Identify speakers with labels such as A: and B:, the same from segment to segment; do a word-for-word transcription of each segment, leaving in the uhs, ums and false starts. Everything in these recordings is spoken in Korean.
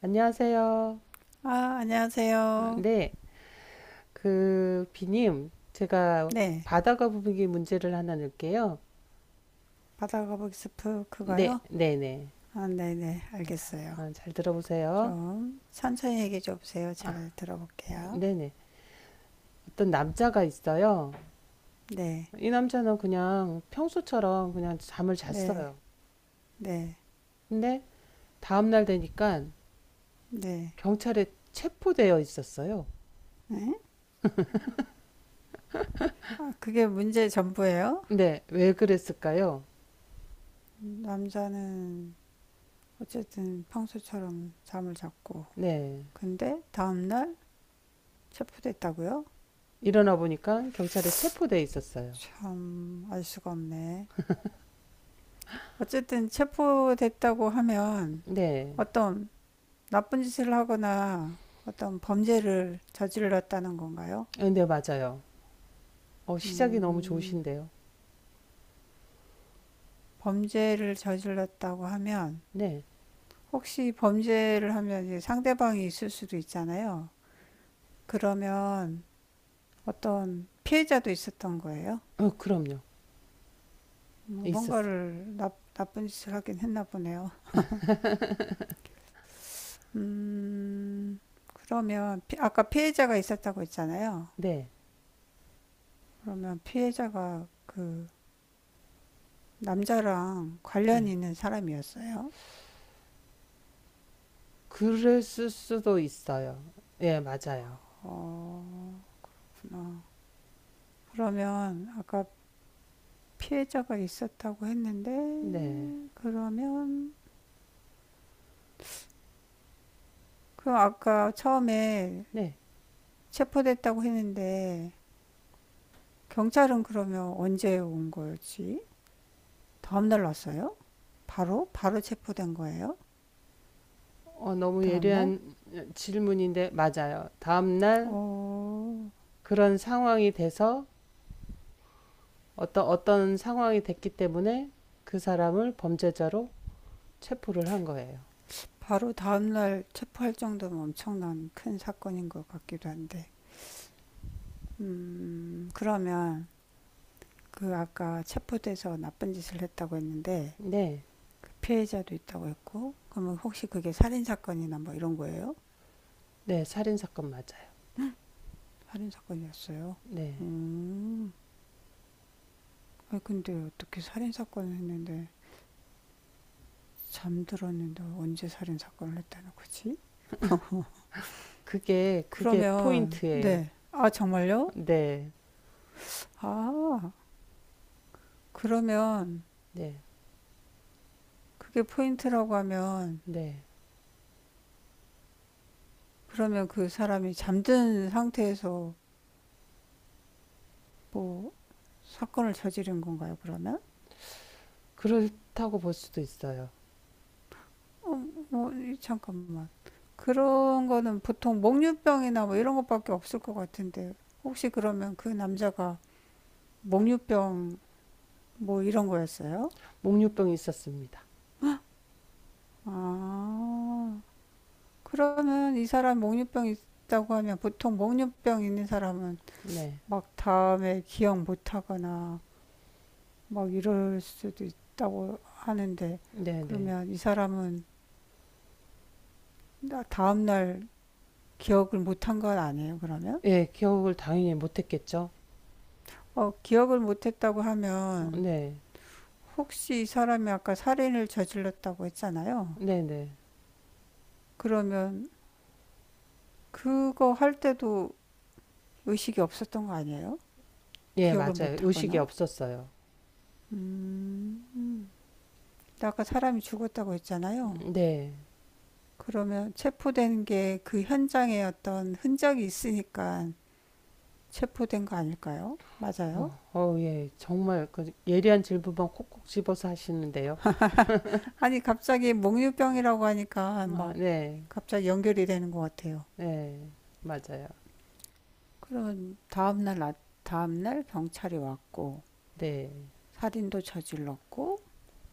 A: 안녕하세요.
B: 아,
A: 아,
B: 안녕하세요.
A: 네, 그 비님, 제가
B: 네,
A: 바다가 부분기 문제를 하나 낼게요.
B: 바다거북이 스프
A: 네,
B: 그거요?
A: 네, 네.
B: 아, 네네,
A: 아, 자,
B: 알겠어요.
A: 아, 잘 들어보세요.
B: 좀 천천히 얘기 좀 해보세요.
A: 아,
B: 잘 들어볼게요.
A: 네, 네. 어떤 남자가 있어요.
B: 네,
A: 이 남자는 그냥 평소처럼 그냥 잠을
B: 네,
A: 잤어요.
B: 네,
A: 근데 다음날 되니까
B: 네.
A: 경찰에 체포되어 있었어요.
B: 네. 아, 그게 문제 전부예요?
A: 네, 왜 그랬을까요?
B: 남자는 어쨌든 평소처럼 잠을 잤고,
A: 네,
B: 근데 다음날 체포됐다고요?
A: 일어나 보니까 경찰에 체포되어 있었어요.
B: 참, 알 수가 없네. 어쨌든 체포됐다고 하면
A: 네,
B: 어떤 나쁜 짓을 하거나 어떤 범죄를 저질렀다는 건가요?
A: 네, 맞아요. 어, 시작이 너무 좋으신데요.
B: 범죄를 저질렀다고 하면
A: 네.
B: 혹시 범죄를 하면 이제 상대방이 있을 수도 있잖아요. 그러면 어떤 피해자도 있었던 거예요?
A: 어, 그럼요.
B: 음,
A: 있었어.
B: 뭔가를 나, 나쁜 짓을 하긴 했나 보네요. 음, 그러면 피- 아까 피해자가 있었다고 했잖아요.
A: 네.
B: 그러면 피해자가 그 남자랑
A: 네.
B: 관련이 있는 사람이었어요?
A: 그랬을 수도 있어요. 예, 맞아요.
B: 어, 구나. 그러면 아까 피해자가 있었다고 했는데
A: 네.
B: 그러면 그 아까 처음에
A: 네.
B: 체포됐다고 했는데 경찰은 그러면 언제 온 거지? 다음 날 왔어요? 바로 바로 체포된 거예요?
A: 어, 너무
B: 다음 날?
A: 예리한 질문인데, 맞아요. 다음날
B: 어.
A: 그런 상황이 돼서 어떤, 어떤 상황이 됐기 때문에 그 사람을 범죄자로 체포를 한 거예요.
B: 바로 다음 날 체포할 정도면 엄청난 큰 사건인 것 같기도 한데. 음, 그러면 그 아까 체포돼서 나쁜 짓을 했다고 했는데
A: 네.
B: 그 피해자도 있다고 했고, 그러면 혹시 그게 살인사건이나 뭐 이런 거예요?
A: 네. 살인사건 맞아요.
B: 살인사건이었어요.
A: 네.
B: 음, 아 근데 어떻게 살인사건을 했는데, 잠들었는데 언제 살인사건을 했다는 거지?
A: 그게, 그게
B: 그러면,
A: 포인트예요.
B: 네. 아, 정말요?
A: 네.
B: 아, 그러면
A: 네.
B: 그게 포인트라고 하면,
A: 네.
B: 그러면 그 사람이 잠든 상태에서 뭐 사건을 저지른 건가요, 그러면?
A: 그렇다고 볼 수도 있어요.
B: 어, 뭐, 이- 잠깐만. 그런 거는 보통 목류병이나 뭐 이런 것밖에 없을 것 같은데, 혹시 그러면 그 남자가 목류병 뭐 이런 거였어요?
A: 목류병이 있었습니다.
B: 아, 그러면 이 사람 목류병 있다고 하면 보통 목류병 있는 사람은
A: 네,
B: 막 다음에 기억 못 하거나 막 이럴 수도 있다고 하는데,
A: 네, 네.
B: 그러면 이 사람은 나- 다음날 기억을 못한 건 아니에요, 그러면?
A: 예, 기억을 당연히 못했겠죠.
B: 어, 기억을 못했다고
A: 어,
B: 하면
A: 네,
B: 혹시 이 사람이 아까 살인을 저질렀다고 했잖아요.
A: 네, 네.
B: 그러면 그거 할 때도 의식이 없었던 거 아니에요?
A: 예,
B: 기억을
A: 맞아요. 의식이
B: 못하거나?
A: 없었어요.
B: 근데 아까 사람이 죽었다고 했잖아요.
A: 음, 네.
B: 그러면 체포된 게 그 현장에 어떤 흔적이 있으니까 체포된 거 아닐까요? 맞아요?
A: 어, 어, 예, 정말 그 예리한 질문만 콕콕 집어서 하시는데요.
B: 아니 갑자기 몽유병이라고 하니까
A: 아,
B: 막
A: 네,
B: 갑자기 연결이 되는 것 같아요.
A: 네, 맞아요.
B: 그럼 다음날, 아- 다음날 경찰이 왔고
A: 네,
B: 살인도 저질렀고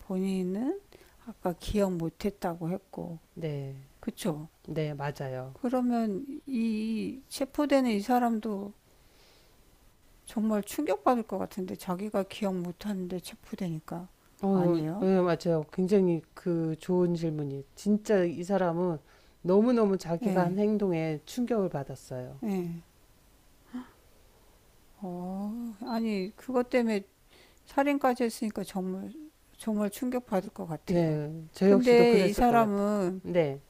B: 본인은 아까 기억 못했다고 했고
A: 네,
B: 그쵸?
A: 네, 맞아요.
B: 그러면 이 체포되는 이 사람도 정말 충격받을 것 같은데 자기가 기억 못하는데 체포되니까
A: 어, 어,
B: 아니에요?
A: 예, 맞아요. 굉장히 그 좋은 질문이. 진짜 이 사람은 너무너무 자기가 한
B: 예,
A: 행동에 충격을 받았어요.
B: 예. 어, 아니 그것 때문에 살인까지 했으니까 정말 정말 충격받을 것 같아요.
A: 네, 저 역시도
B: 근데 이
A: 그랬을 것 같아요.
B: 사람은
A: 네.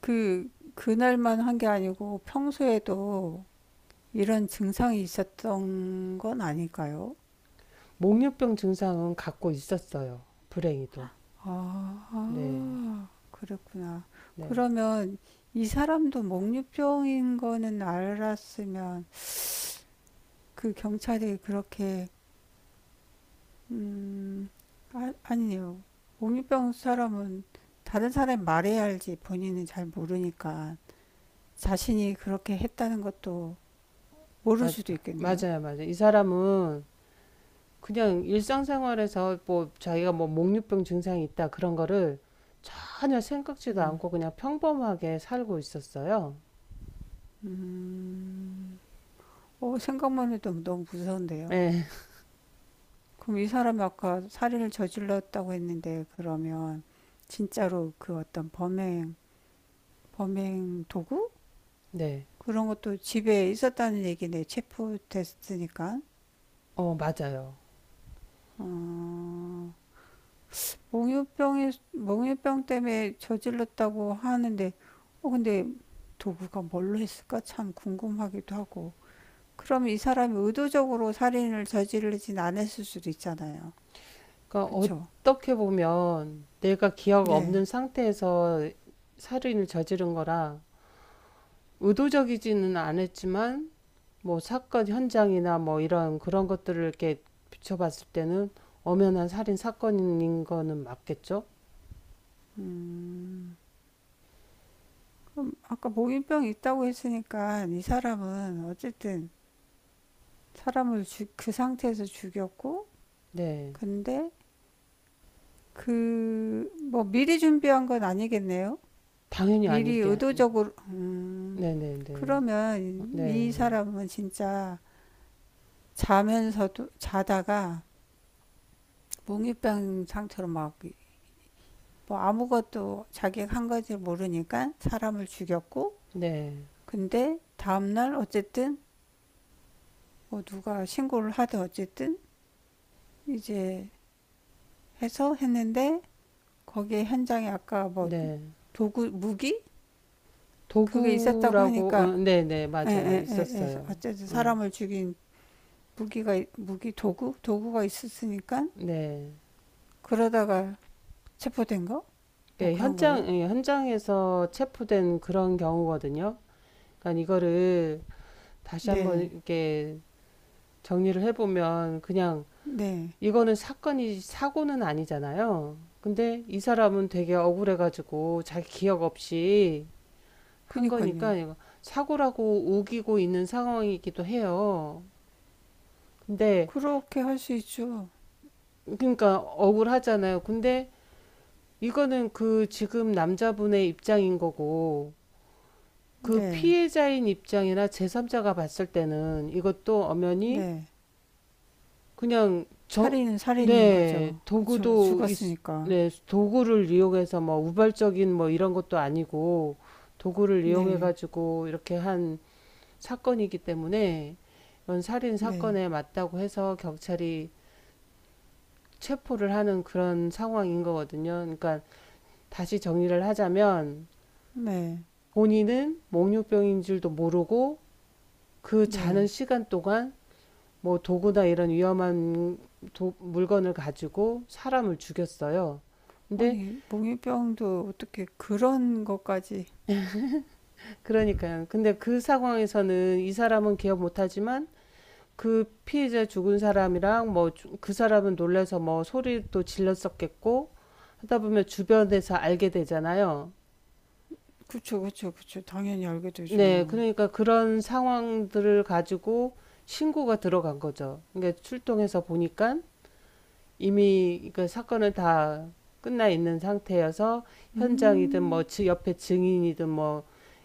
B: 그 그날만 한 게 아니고 평소에도 이런 증상이 있었던 건 아닐까요?
A: 목류병 증상은 갖고 있었어요. 불행히도. 네,
B: 아, 그랬구나.
A: 네.
B: 그러면 이 사람도 목류병인 거는 알았으면 그 경찰이 그렇게, 음, 아, 아니요. 목류병 사람은 다른 사람이 말해야 알지 본인은 잘 모르니까 자신이 그렇게 했다는 것도 모를
A: 마,
B: 수도 있겠네요.
A: 맞아요, 맞아요. 이 사람은 그냥 일상생활에서 뭐 자기가 뭐 목류병 증상이 있다 그런 거를 전혀 생각지도
B: 음,
A: 않고 그냥 평범하게 살고 있었어요.
B: 음, 어, 생각만 해도 너무 무서운데요.
A: 네,
B: 그럼 이 사람이 아까 살인을 저질렀다고 했는데 그러면 진짜로 그 어떤 범행 범행 도구
A: 네.
B: 그런 것도 집에 있었다는 얘기네. 체포됐으니까
A: 어, 맞아요.
B: 몽유병이 몽유병 때문에 저질렀다고 하는데 어 근데 도구가 뭘로 했을까 참 궁금하기도 하고. 그럼 이 사람이 의도적으로 살인을 저지르진 않았을 수도 있잖아요.
A: 그러니까
B: 그쵸?
A: 어떻게 보면 내가 기억
B: 네.
A: 없는 상태에서 살인을 저지른 거라 의도적이지는 않았지만 뭐 사건 현장이나 뭐 이런 그런 것들을 이렇게 비춰봤을 때는 엄연한 살인 사건인 거는 맞겠죠?
B: 그럼 아까 몽유병이 있다고 했으니까 이 사람은 어쨌든 사람을 주, 그 상태에서 죽였고,
A: 네.
B: 근데 그, 뭐 미리 준비한 건 아니겠네요?
A: 당연히
B: 미리
A: 아니게.
B: 의도적으로,
A: 네네네. 네. 네.
B: 그러면 이
A: 네.
B: 사람은 진짜 자면서도, 자다가 몽유병 상태로 막, 뭐 아무것도 자기가 한 건지 모르니까 사람을 죽였고,
A: 네. 네.
B: 근데 다음날 어쨌든, 뭐 누가 신고를 하든 어쨌든, 이제 해서 했는데, 거기에 현장에 아까 뭐
A: 네.
B: 도구, 무기? 그게 있었다고
A: 도구라고, 어,
B: 하니까
A: 네네.
B: 에,
A: 맞아요.
B: 에, 에, 에.
A: 있었어요.
B: 어쨌든 사람을 죽인 무기가 무기 도구 도구가 있었으니까
A: 어, 네.
B: 그러다가 체포된 거 뭐
A: 그
B: 그런
A: 현장,
B: 거예요?
A: 예, 현장에서 체포된 그런 경우거든요. 그러니까 이거를 다시 한번
B: 네,
A: 이렇게 정리를 해보면 그냥
B: 네,
A: 이거는 사건이 사고는 아니잖아요. 근데 이 사람은 되게 억울해가지고 자기 기억 없이 한 거니까
B: 그니까요.
A: 이거 사고라고 우기고 있는 상황이기도 해요. 근데
B: 그렇게 할 수 있죠.
A: 그러니까 억울하잖아요. 근데 이거는 그 지금 남자분의 입장인 거고 그
B: 네,
A: 피해자인 입장이나 제삼자가 봤을 때는 이것도 엄연히
B: 네.
A: 그냥 정,
B: 살인은 살인인
A: 네,
B: 거죠. 그쵸?
A: 도구도 있,
B: 죽었으니까.
A: 네, 도구를 이용해서 뭐 우발적인 뭐 이런 것도 아니고 도구를 이용해
B: 네,
A: 가지고 이렇게 한 사건이기 때문에 이런 살인
B: 네,
A: 사건에 맞다고 해서 경찰이 체포를 하는 그런 상황인 거거든요. 그러니까 다시 정리를 하자면
B: 네,
A: 본인은 몽유병인 줄도 모르고 그 자는
B: 네.
A: 시간 동안 뭐 도구나 이런 위험한 도- 물건을 가지고 사람을 죽였어요. 근데
B: 아니 몽유병도 어떻게 그런 것까지?
A: 그러니까요. 근데 그 상황에서는 이 사람은 기억 못하지만 그 피해자 죽은 사람이랑 뭐 그 사람은 놀라서 뭐 소리도 질렀었겠고 하다 보면 주변에서 알게 되잖아요.
B: 그쵸, 그쵸, 그쵸. 당연히 알게
A: 네,
B: 되죠.
A: 그러니까 그런 상황들을 가지고 신고가 들어간 거죠. 그러니까 출동해서 보니까 이미 그 사건은 다 끝나 있는 상태여서 현장이든 뭐
B: 음.
A: 옆에 증인이든 뭐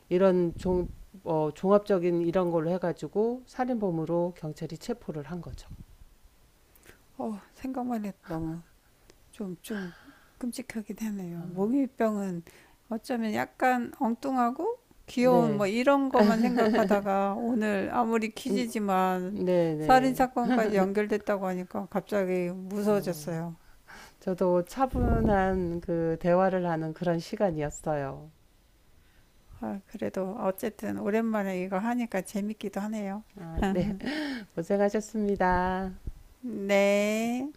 A: 이런 종, 뭐 종합적인 이런 걸로 해가지고 살인범으로 경찰이 체포를 한 거죠.
B: 어, 생각만 해도 너무 좀, 좀 끔찍하긴 하네요. 모기병은 어쩌면 약간 엉뚱하고 귀여운
A: 네,
B: 뭐 이런 것만 생각하다가 오늘 아무리
A: 음,
B: 퀴즈지만
A: 네,
B: 살인
A: 네.
B: 사건까지 연결됐다고 하니까 갑자기
A: 어,
B: 무서워졌어요.
A: 저도 차분한 그 대화를 하는 그런 시간이었어요.
B: 아, 그래도 어쨌든 오랜만에 이거 하니까 재밌기도 하네요.
A: 아, 네, 고생하셨습니다.
B: 네.